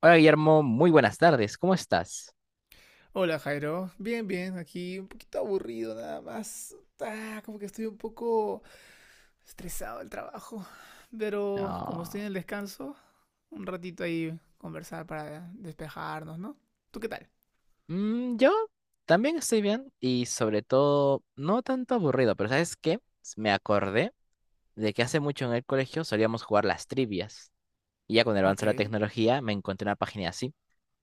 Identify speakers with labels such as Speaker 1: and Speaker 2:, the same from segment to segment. Speaker 1: Hola Guillermo, muy buenas tardes, ¿cómo estás?
Speaker 2: Hola Jairo, bien, bien, aquí un poquito aburrido nada más. Como que estoy un poco estresado del trabajo, pero como estoy
Speaker 1: No,
Speaker 2: en el descanso, un ratito ahí conversar para despejarnos, ¿no? ¿Tú qué tal?
Speaker 1: yo también estoy bien y sobre todo no tanto aburrido, pero ¿sabes qué? Me acordé de que hace mucho en el colegio solíamos jugar las trivias y ya con el avance de la
Speaker 2: Ok,
Speaker 1: tecnología me encontré una página así.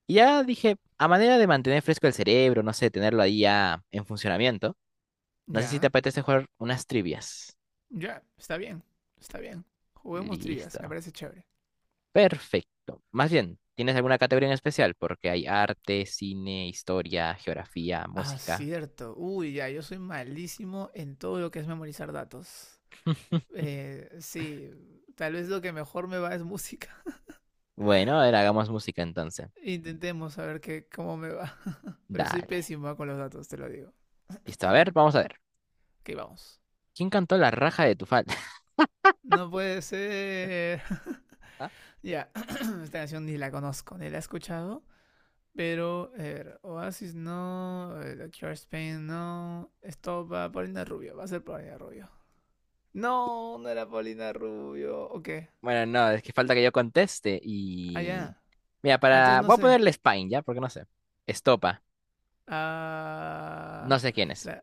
Speaker 1: Y ya dije, a manera de mantener fresco el cerebro, no sé, tenerlo ahí ya en funcionamiento, no sé si te
Speaker 2: ya,
Speaker 1: apetece jugar unas trivias.
Speaker 2: ya, está bien, está bien. Juguemos trivias, me
Speaker 1: Listo.
Speaker 2: parece chévere.
Speaker 1: Perfecto. Más bien, ¿tienes alguna categoría en especial? Porque hay arte, cine, historia, geografía,
Speaker 2: Ah,
Speaker 1: música.
Speaker 2: cierto. Uy, ya, yo soy malísimo en todo lo que es memorizar datos. Sí, tal vez lo que mejor me va es música.
Speaker 1: Bueno, a ver, hagamos música entonces.
Speaker 2: Intentemos a ver qué, cómo me va. Pero soy
Speaker 1: Dale.
Speaker 2: pésimo ah, con los datos, te lo digo.
Speaker 1: Listo, a ver, vamos a ver.
Speaker 2: Ok, vamos.
Speaker 1: ¿Quién cantó la raja de tu falda?
Speaker 2: No puede ser.
Speaker 1: Ah,
Speaker 2: Ya, esta canción ni la conozco, ni la he escuchado. Pero, a ver, Oasis no, The Doctor Spain no. Esto va a Paulina Rubio, va a ser Paulina Rubio. No, no era Paulina Rubio. Ok,
Speaker 1: bueno, no, es que falta que yo conteste y...
Speaker 2: allá.
Speaker 1: Mira,
Speaker 2: Ah, entonces
Speaker 1: para...
Speaker 2: no
Speaker 1: Voy a
Speaker 2: sé.
Speaker 1: ponerle Spine, ¿ya? Porque no sé. Estopa. No
Speaker 2: Ah,
Speaker 1: sé quién es.
Speaker 2: la,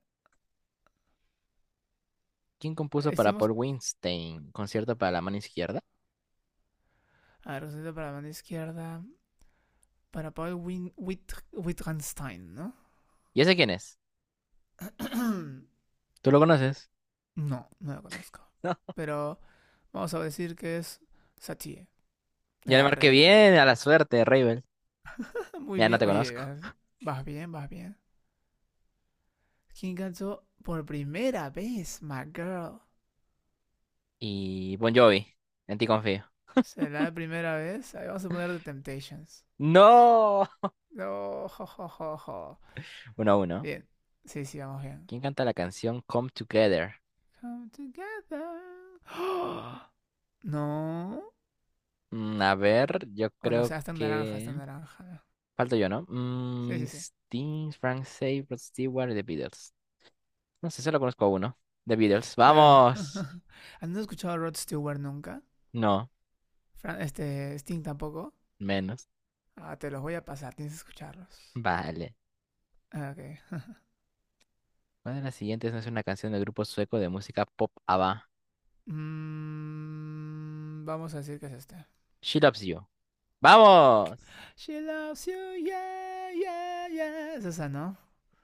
Speaker 1: ¿Quién compuso para Paul
Speaker 2: hicimos.
Speaker 1: Weinstein? Concierto para la mano izquierda.
Speaker 2: A ver, para la mano izquierda. Para Paul Win, Wittgenstein, ¿no?
Speaker 1: ¿Y ese quién es? ¿Tú lo conoces?
Speaker 2: No, no lo conozco.
Speaker 1: No.
Speaker 2: Pero vamos a decir que es Satie.
Speaker 1: Ya le
Speaker 2: Era
Speaker 1: marqué bien
Speaker 2: rey.
Speaker 1: a la suerte, Ravel.
Speaker 2: Muy
Speaker 1: Mira, no
Speaker 2: bien.
Speaker 1: te
Speaker 2: Oye,
Speaker 1: conozco.
Speaker 2: vas bien, vas bien. ¿Quién cantó por primera vez my girl?
Speaker 1: Y Bon Jovi. En ti confío.
Speaker 2: ¿Será la primera vez? Ahí vamos a poner The Temptations.
Speaker 1: ¡No!
Speaker 2: No, jo, jo, jo, jo.
Speaker 1: Uno a uno.
Speaker 2: Bien. Sí, sí, vamos bien.
Speaker 1: ¿Quién canta la canción Come Together?
Speaker 2: Come together. ¡Ah! No. O
Speaker 1: A ver, yo
Speaker 2: Oh, no, o
Speaker 1: creo
Speaker 2: sea, está en naranja, está en
Speaker 1: que...
Speaker 2: naranja, ¿no?
Speaker 1: Falto yo, ¿no?
Speaker 2: Sí, sí, sí.
Speaker 1: Sting, Frank Zappa, Rod Stewart y The Beatles. No sé, solo conozco a uno. The Beatles.
Speaker 2: Claro.
Speaker 1: ¡Vamos!
Speaker 2: ¿Han escuchado a Rod Stewart nunca?
Speaker 1: No,
Speaker 2: Sting tampoco.
Speaker 1: menos.
Speaker 2: Ah, te los voy a pasar, tienes que escucharlos.
Speaker 1: Vale.
Speaker 2: Ah, ok.
Speaker 1: ¿Cuál de las siguientes no es una canción del grupo sueco de música pop ABBA?
Speaker 2: Vamos a decir que es este.
Speaker 1: She Loves You. ¡Vamos!
Speaker 2: She loves you, yeah, yeah, yeah. Es esa, ¿no?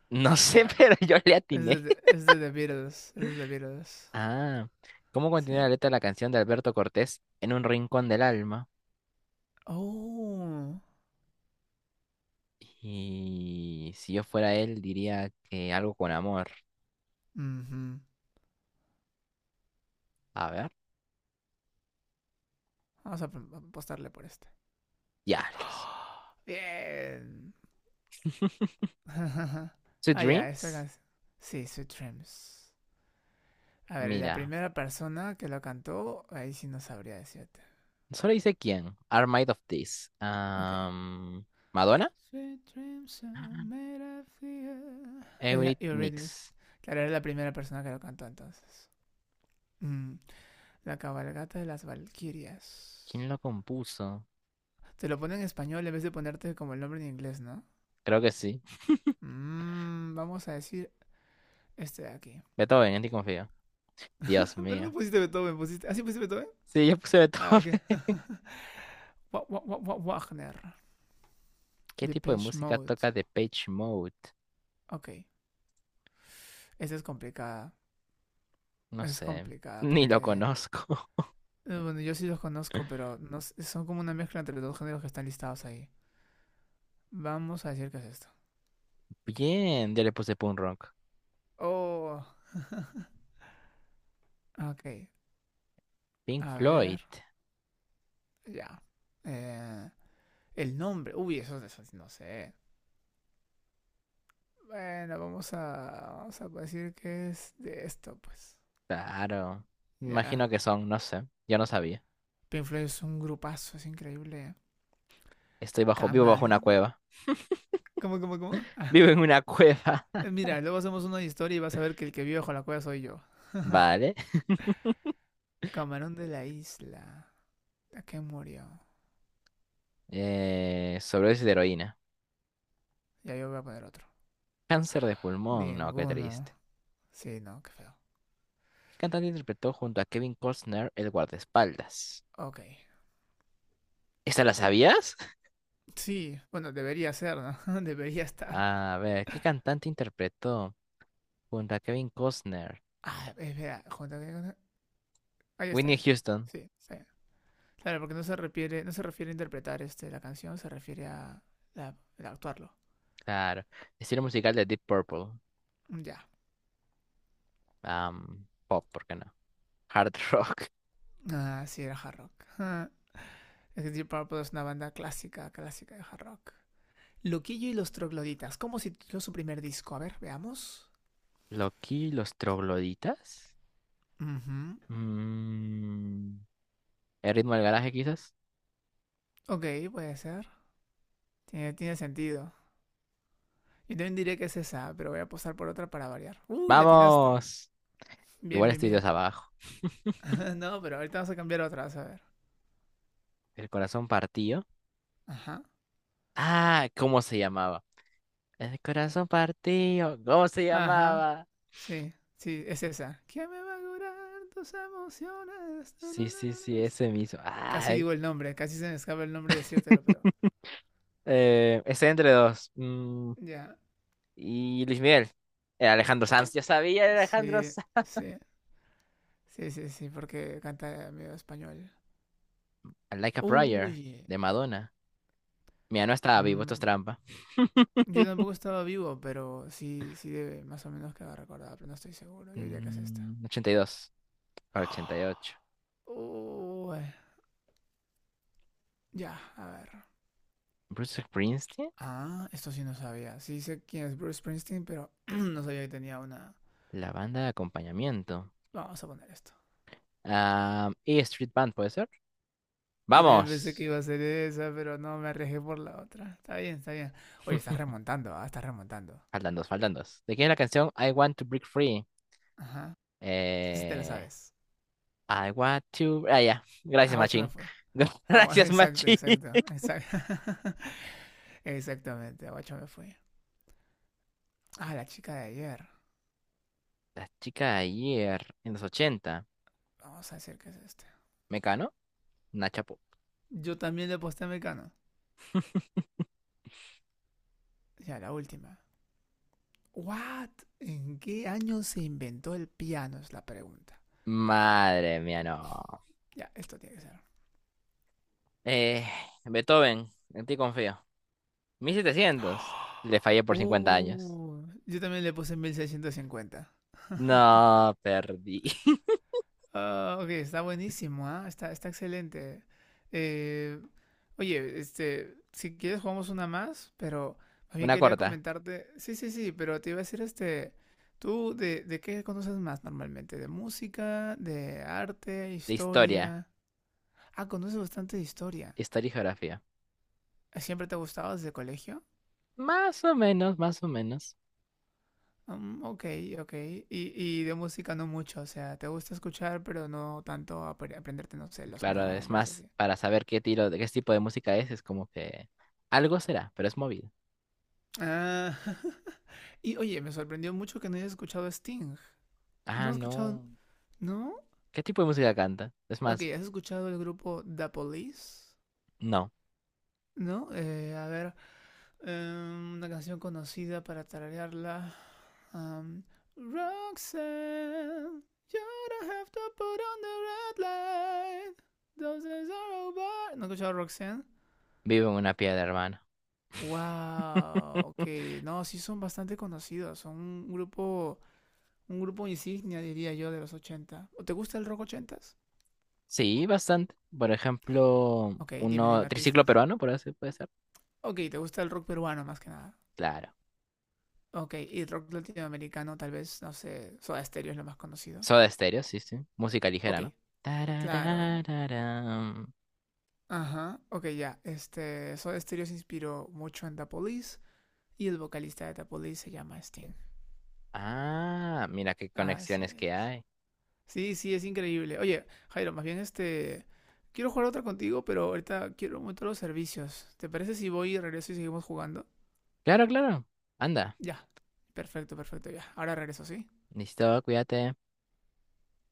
Speaker 1: No sé,
Speaker 2: Claro.
Speaker 1: pero yo le atiné.
Speaker 2: Es de The Beatles. Es de The Beatles.
Speaker 1: Ah, ¿cómo
Speaker 2: Sí.
Speaker 1: continúa la letra de la canción de Alberto Cortés en un rincón del alma?
Speaker 2: Oh.
Speaker 1: Y si yo fuera él, diría que algo con amor.
Speaker 2: Ujú.
Speaker 1: A ver,
Speaker 2: Apostarle por este.
Speaker 1: diablos.
Speaker 2: Oh, bien. Ah,
Speaker 1: ¿Sweet
Speaker 2: ya, esta
Speaker 1: Dreams?
Speaker 2: canción. Sí, Sweet Dreams. A ver, la
Speaker 1: Mira,
Speaker 2: primera persona que lo cantó, ahí sí no sabría decirte.
Speaker 1: solo dice quién. Are Made of This.
Speaker 2: Ok.
Speaker 1: ¿Madonna?
Speaker 2: Sweet dreams are made of the. Era Eurythmics.
Speaker 1: Eurythmics.
Speaker 2: Claro, era la primera persona que lo cantó entonces. Mm, La cabalgata de las Valquirias.
Speaker 1: ¿Quién lo compuso?
Speaker 2: Te lo pone en español en vez de ponerte como el nombre en inglés, ¿no?
Speaker 1: Creo que sí.
Speaker 2: Vamos a decir este de aquí.
Speaker 1: Beethoven, en ti confío. Dios
Speaker 2: Pero
Speaker 1: mío.
Speaker 2: no pusiste Beethoven, pusiste... ¿Así pusiste Beethoven?
Speaker 1: Sí, yo puse
Speaker 2: Ah,
Speaker 1: Beethoven.
Speaker 2: ok. Wagner.
Speaker 1: ¿Qué tipo de
Speaker 2: Depeche
Speaker 1: música
Speaker 2: Mode.
Speaker 1: toca The Page Mode?
Speaker 2: Ok. Esta es complicada.
Speaker 1: No
Speaker 2: Es
Speaker 1: sé,
Speaker 2: complicada
Speaker 1: ni lo
Speaker 2: porque
Speaker 1: conozco.
Speaker 2: bueno, yo sí los conozco, pero no s- son como una mezcla entre los dos géneros que están listados ahí. Vamos a decir que es esto.
Speaker 1: Bien, yo le puse punk rock.
Speaker 2: Oh, ok.
Speaker 1: Pink
Speaker 2: A
Speaker 1: Floyd.
Speaker 2: ver, ya. Eh, el nombre. Uy, eso sí no sé. Bueno, vamos a decir que es de esto, pues.
Speaker 1: Claro.
Speaker 2: Ya.
Speaker 1: Imagino que son, no sé. Yo no sabía.
Speaker 2: Pink Floyd es un grupazo, es increíble.
Speaker 1: Estoy bajo, vivo bajo una
Speaker 2: ¿Camarón?
Speaker 1: cueva.
Speaker 2: ¿Cómo, cómo, cómo?
Speaker 1: Vivo en una cueva.
Speaker 2: Mira, luego hacemos una historia y vas a ver que el que vive bajo la cueva soy yo.
Speaker 1: Vale.
Speaker 2: Camarón de la isla. ¿A qué murió?
Speaker 1: Sobredosis de heroína.
Speaker 2: Ya yo voy a poner otro.
Speaker 1: Cáncer de pulmón. No, qué
Speaker 2: Ninguno.
Speaker 1: triste.
Speaker 2: Sí, no, qué feo.
Speaker 1: ¿Qué cantante interpretó junto a Kevin Costner el guardaespaldas?
Speaker 2: Ok.
Speaker 1: ¿Esta la sabías?
Speaker 2: Sí, bueno, debería ser, ¿no? Debería estar.
Speaker 1: A ver, ¿qué cantante interpretó junto a Kevin Costner?
Speaker 2: Ah, espera, junta- Ahí está
Speaker 1: Whitney
Speaker 2: bien.
Speaker 1: Houston.
Speaker 2: Sí, está bien. Claro, porque no se refiere, no se refiere a interpretar este, la canción, se refiere a, la- a actuarlo.
Speaker 1: Claro. Estilo musical de Deep Purple.
Speaker 2: Ya.
Speaker 1: Pop, ¿por qué no? Hard rock.
Speaker 2: Ah, sí, era hard rock. Ah, es que Deep Purple es una banda clásica, clásica de hard rock. Loquillo y los trogloditas. ¿Cómo se tituló su primer disco? A ver, veamos.
Speaker 1: Loki, los trogloditas.
Speaker 2: Ujú.
Speaker 1: Mm, El ritmo del garaje, quizás.
Speaker 2: Ok, puede ser. Tiene sentido. Yo también diría que es esa, pero voy a apostar por otra para variar. Uy, la atinaste.
Speaker 1: ¡Vamos!
Speaker 2: Bien,
Speaker 1: Igual
Speaker 2: bien,
Speaker 1: estoy dos
Speaker 2: bien.
Speaker 1: abajo.
Speaker 2: No, pero ahorita vamos a cambiar otra, vas a ver.
Speaker 1: El corazón partido.
Speaker 2: Ajá.
Speaker 1: Ah, ¿cómo se llamaba? El corazón partido. ¿Cómo se
Speaker 2: Ajá.
Speaker 1: llamaba?
Speaker 2: Sí, sí, es esa. ¿Qué me va a curar tus emociones? No,
Speaker 1: Sí,
Speaker 2: no, no,
Speaker 1: sí,
Speaker 2: no,
Speaker 1: sí,
Speaker 2: no.
Speaker 1: ese mismo.
Speaker 2: Casi
Speaker 1: Ay.
Speaker 2: digo el nombre, casi se me escapa el nombre decírtelo, pero.
Speaker 1: Ese entre dos.
Speaker 2: Ya.
Speaker 1: Y Luis Miguel. Alejandro Sanz. Yo sabía, era Alejandro
Speaker 2: Sí,
Speaker 1: Sanz.
Speaker 2: sí. Sí, sí, sí, porque canta medio español.
Speaker 1: Like a
Speaker 2: Uy.
Speaker 1: Prayer, de Madonna. Mira, no estaba vivo, esto es
Speaker 2: Mm,
Speaker 1: trampa.
Speaker 2: Yo tampoco estaba vivo, pero sí, sí debe más o menos quedar recordada, pero no estoy seguro. Yo diría que es esta.
Speaker 1: 82 para 88.
Speaker 2: Uy, ya, a ver.
Speaker 1: Bruce Springsteen,
Speaker 2: Ah, esto sí no sabía. Sí sé quién es Bruce Springsteen, pero no sabía que tenía una...
Speaker 1: la banda de acompañamiento.
Speaker 2: Vamos a poner esto.
Speaker 1: Ah, y Street Band, ¿puede ser?
Speaker 2: Yo también pensé que
Speaker 1: ¡Vamos!
Speaker 2: iba a ser esa, pero no, me arriesgué por la otra. Está bien, está bien. Oye, estás remontando, ah, estás remontando.
Speaker 1: Faltan dos, faltan dos. ¿De quién es la canción I Want to Break Free?
Speaker 2: Ajá. Esa te la
Speaker 1: Eh,
Speaker 2: sabes.
Speaker 1: I want to. Ah, ya. Gracias,
Speaker 2: Aguacho me
Speaker 1: Machín.
Speaker 2: fue. Agua,
Speaker 1: Gracias,
Speaker 2: exacto,
Speaker 1: Machín.
Speaker 2: exacto, exacto. Exactamente, Aguacho me fui. Ah, la chica de ayer.
Speaker 1: La chica de ayer, en los ochenta.
Speaker 2: Vamos a decir que es este.
Speaker 1: ¿Mecano? Nachapo.
Speaker 2: Yo también le aposté a Mecano. Ya, la última. What? ¿En qué año se inventó el piano? Es la pregunta.
Speaker 1: Madre mía, no.
Speaker 2: Ya, esto tiene que ser.
Speaker 1: Eh, Beethoven, en ti confío. 1700. Le fallé por 50 años.
Speaker 2: Oh, yo también le puse 1650.
Speaker 1: No, perdí.
Speaker 2: Ah, ok, está buenísimo, ¿ah? Está, está excelente. Eh, Oye, este, si quieres jugamos una más, pero más bien
Speaker 1: Una
Speaker 2: quería
Speaker 1: corta.
Speaker 2: comentarte. Sí, sí, sí, pero te iba a decir, este, ¿de qué conoces más normalmente? ¿De música, de arte,
Speaker 1: De historia,
Speaker 2: historia? Ah, conoces bastante de historia.
Speaker 1: historia y geografía.
Speaker 2: ¿Siempre te ha gustado desde colegio?
Speaker 1: Más o menos, más o menos.
Speaker 2: Ok, ok. Y de música no mucho, o sea, te gusta escuchar, pero no tanto aprenderte, no sé, los
Speaker 1: Claro, es
Speaker 2: nombres y
Speaker 1: más
Speaker 2: así.
Speaker 1: para saber qué tiro, de qué tipo de música es como que algo será, pero es movido.
Speaker 2: Ah, y oye, me sorprendió mucho que no hayas escuchado a Sting. ¿No
Speaker 1: Ah,
Speaker 2: has escuchado?
Speaker 1: no.
Speaker 2: ¿No?
Speaker 1: ¿Qué tipo de música canta? Es
Speaker 2: Ok,
Speaker 1: más,
Speaker 2: ¿has escuchado el grupo The Police?
Speaker 1: no.
Speaker 2: ¿No? A ver, una canción conocida para tararearla. am, Roxanne, you don't have to put on the red light. Those days are over. ¿No has escuchado a Roxanne?
Speaker 1: Vivo en una piedra, hermano.
Speaker 2: Wow, ok. No, sí son bastante conocidos. Son un grupo insignia, diría yo, de los 80. ¿O ¿te gusta el rock ochentas? s.
Speaker 1: Sí, bastante. Por ejemplo,
Speaker 2: Ok, dime, dime
Speaker 1: uno triciclo
Speaker 2: artistas.
Speaker 1: peruano, por así puede ser.
Speaker 2: Ok, ¿te gusta el rock peruano más que nada?
Speaker 1: Claro.
Speaker 2: Ok, y rock latinoamericano, tal vez, no sé, Soda Stereo es lo más conocido.
Speaker 1: Soda Stereo, sí, sí. Música
Speaker 2: Ok,
Speaker 1: ligera, ¿no?
Speaker 2: claro.
Speaker 1: Tarararararam.
Speaker 2: Ajá, ok, ya. Este, Soda Stereo se inspiró mucho en The Police y el vocalista de The Police se llama Sting.
Speaker 1: Ah, mira qué
Speaker 2: Así
Speaker 1: conexiones que
Speaker 2: es.
Speaker 1: hay.
Speaker 2: Sí, sí, es increíble. Oye, Jairo, más bien este... Quiero jugar otra contigo, pero ahorita quiero un momento los servicios. ¿Te parece si voy y regreso y seguimos jugando?
Speaker 1: Claro, claro. Anda,
Speaker 2: Ya, perfecto, perfecto, ya. Ahora regreso, ¿sí?
Speaker 1: listo, cuídate.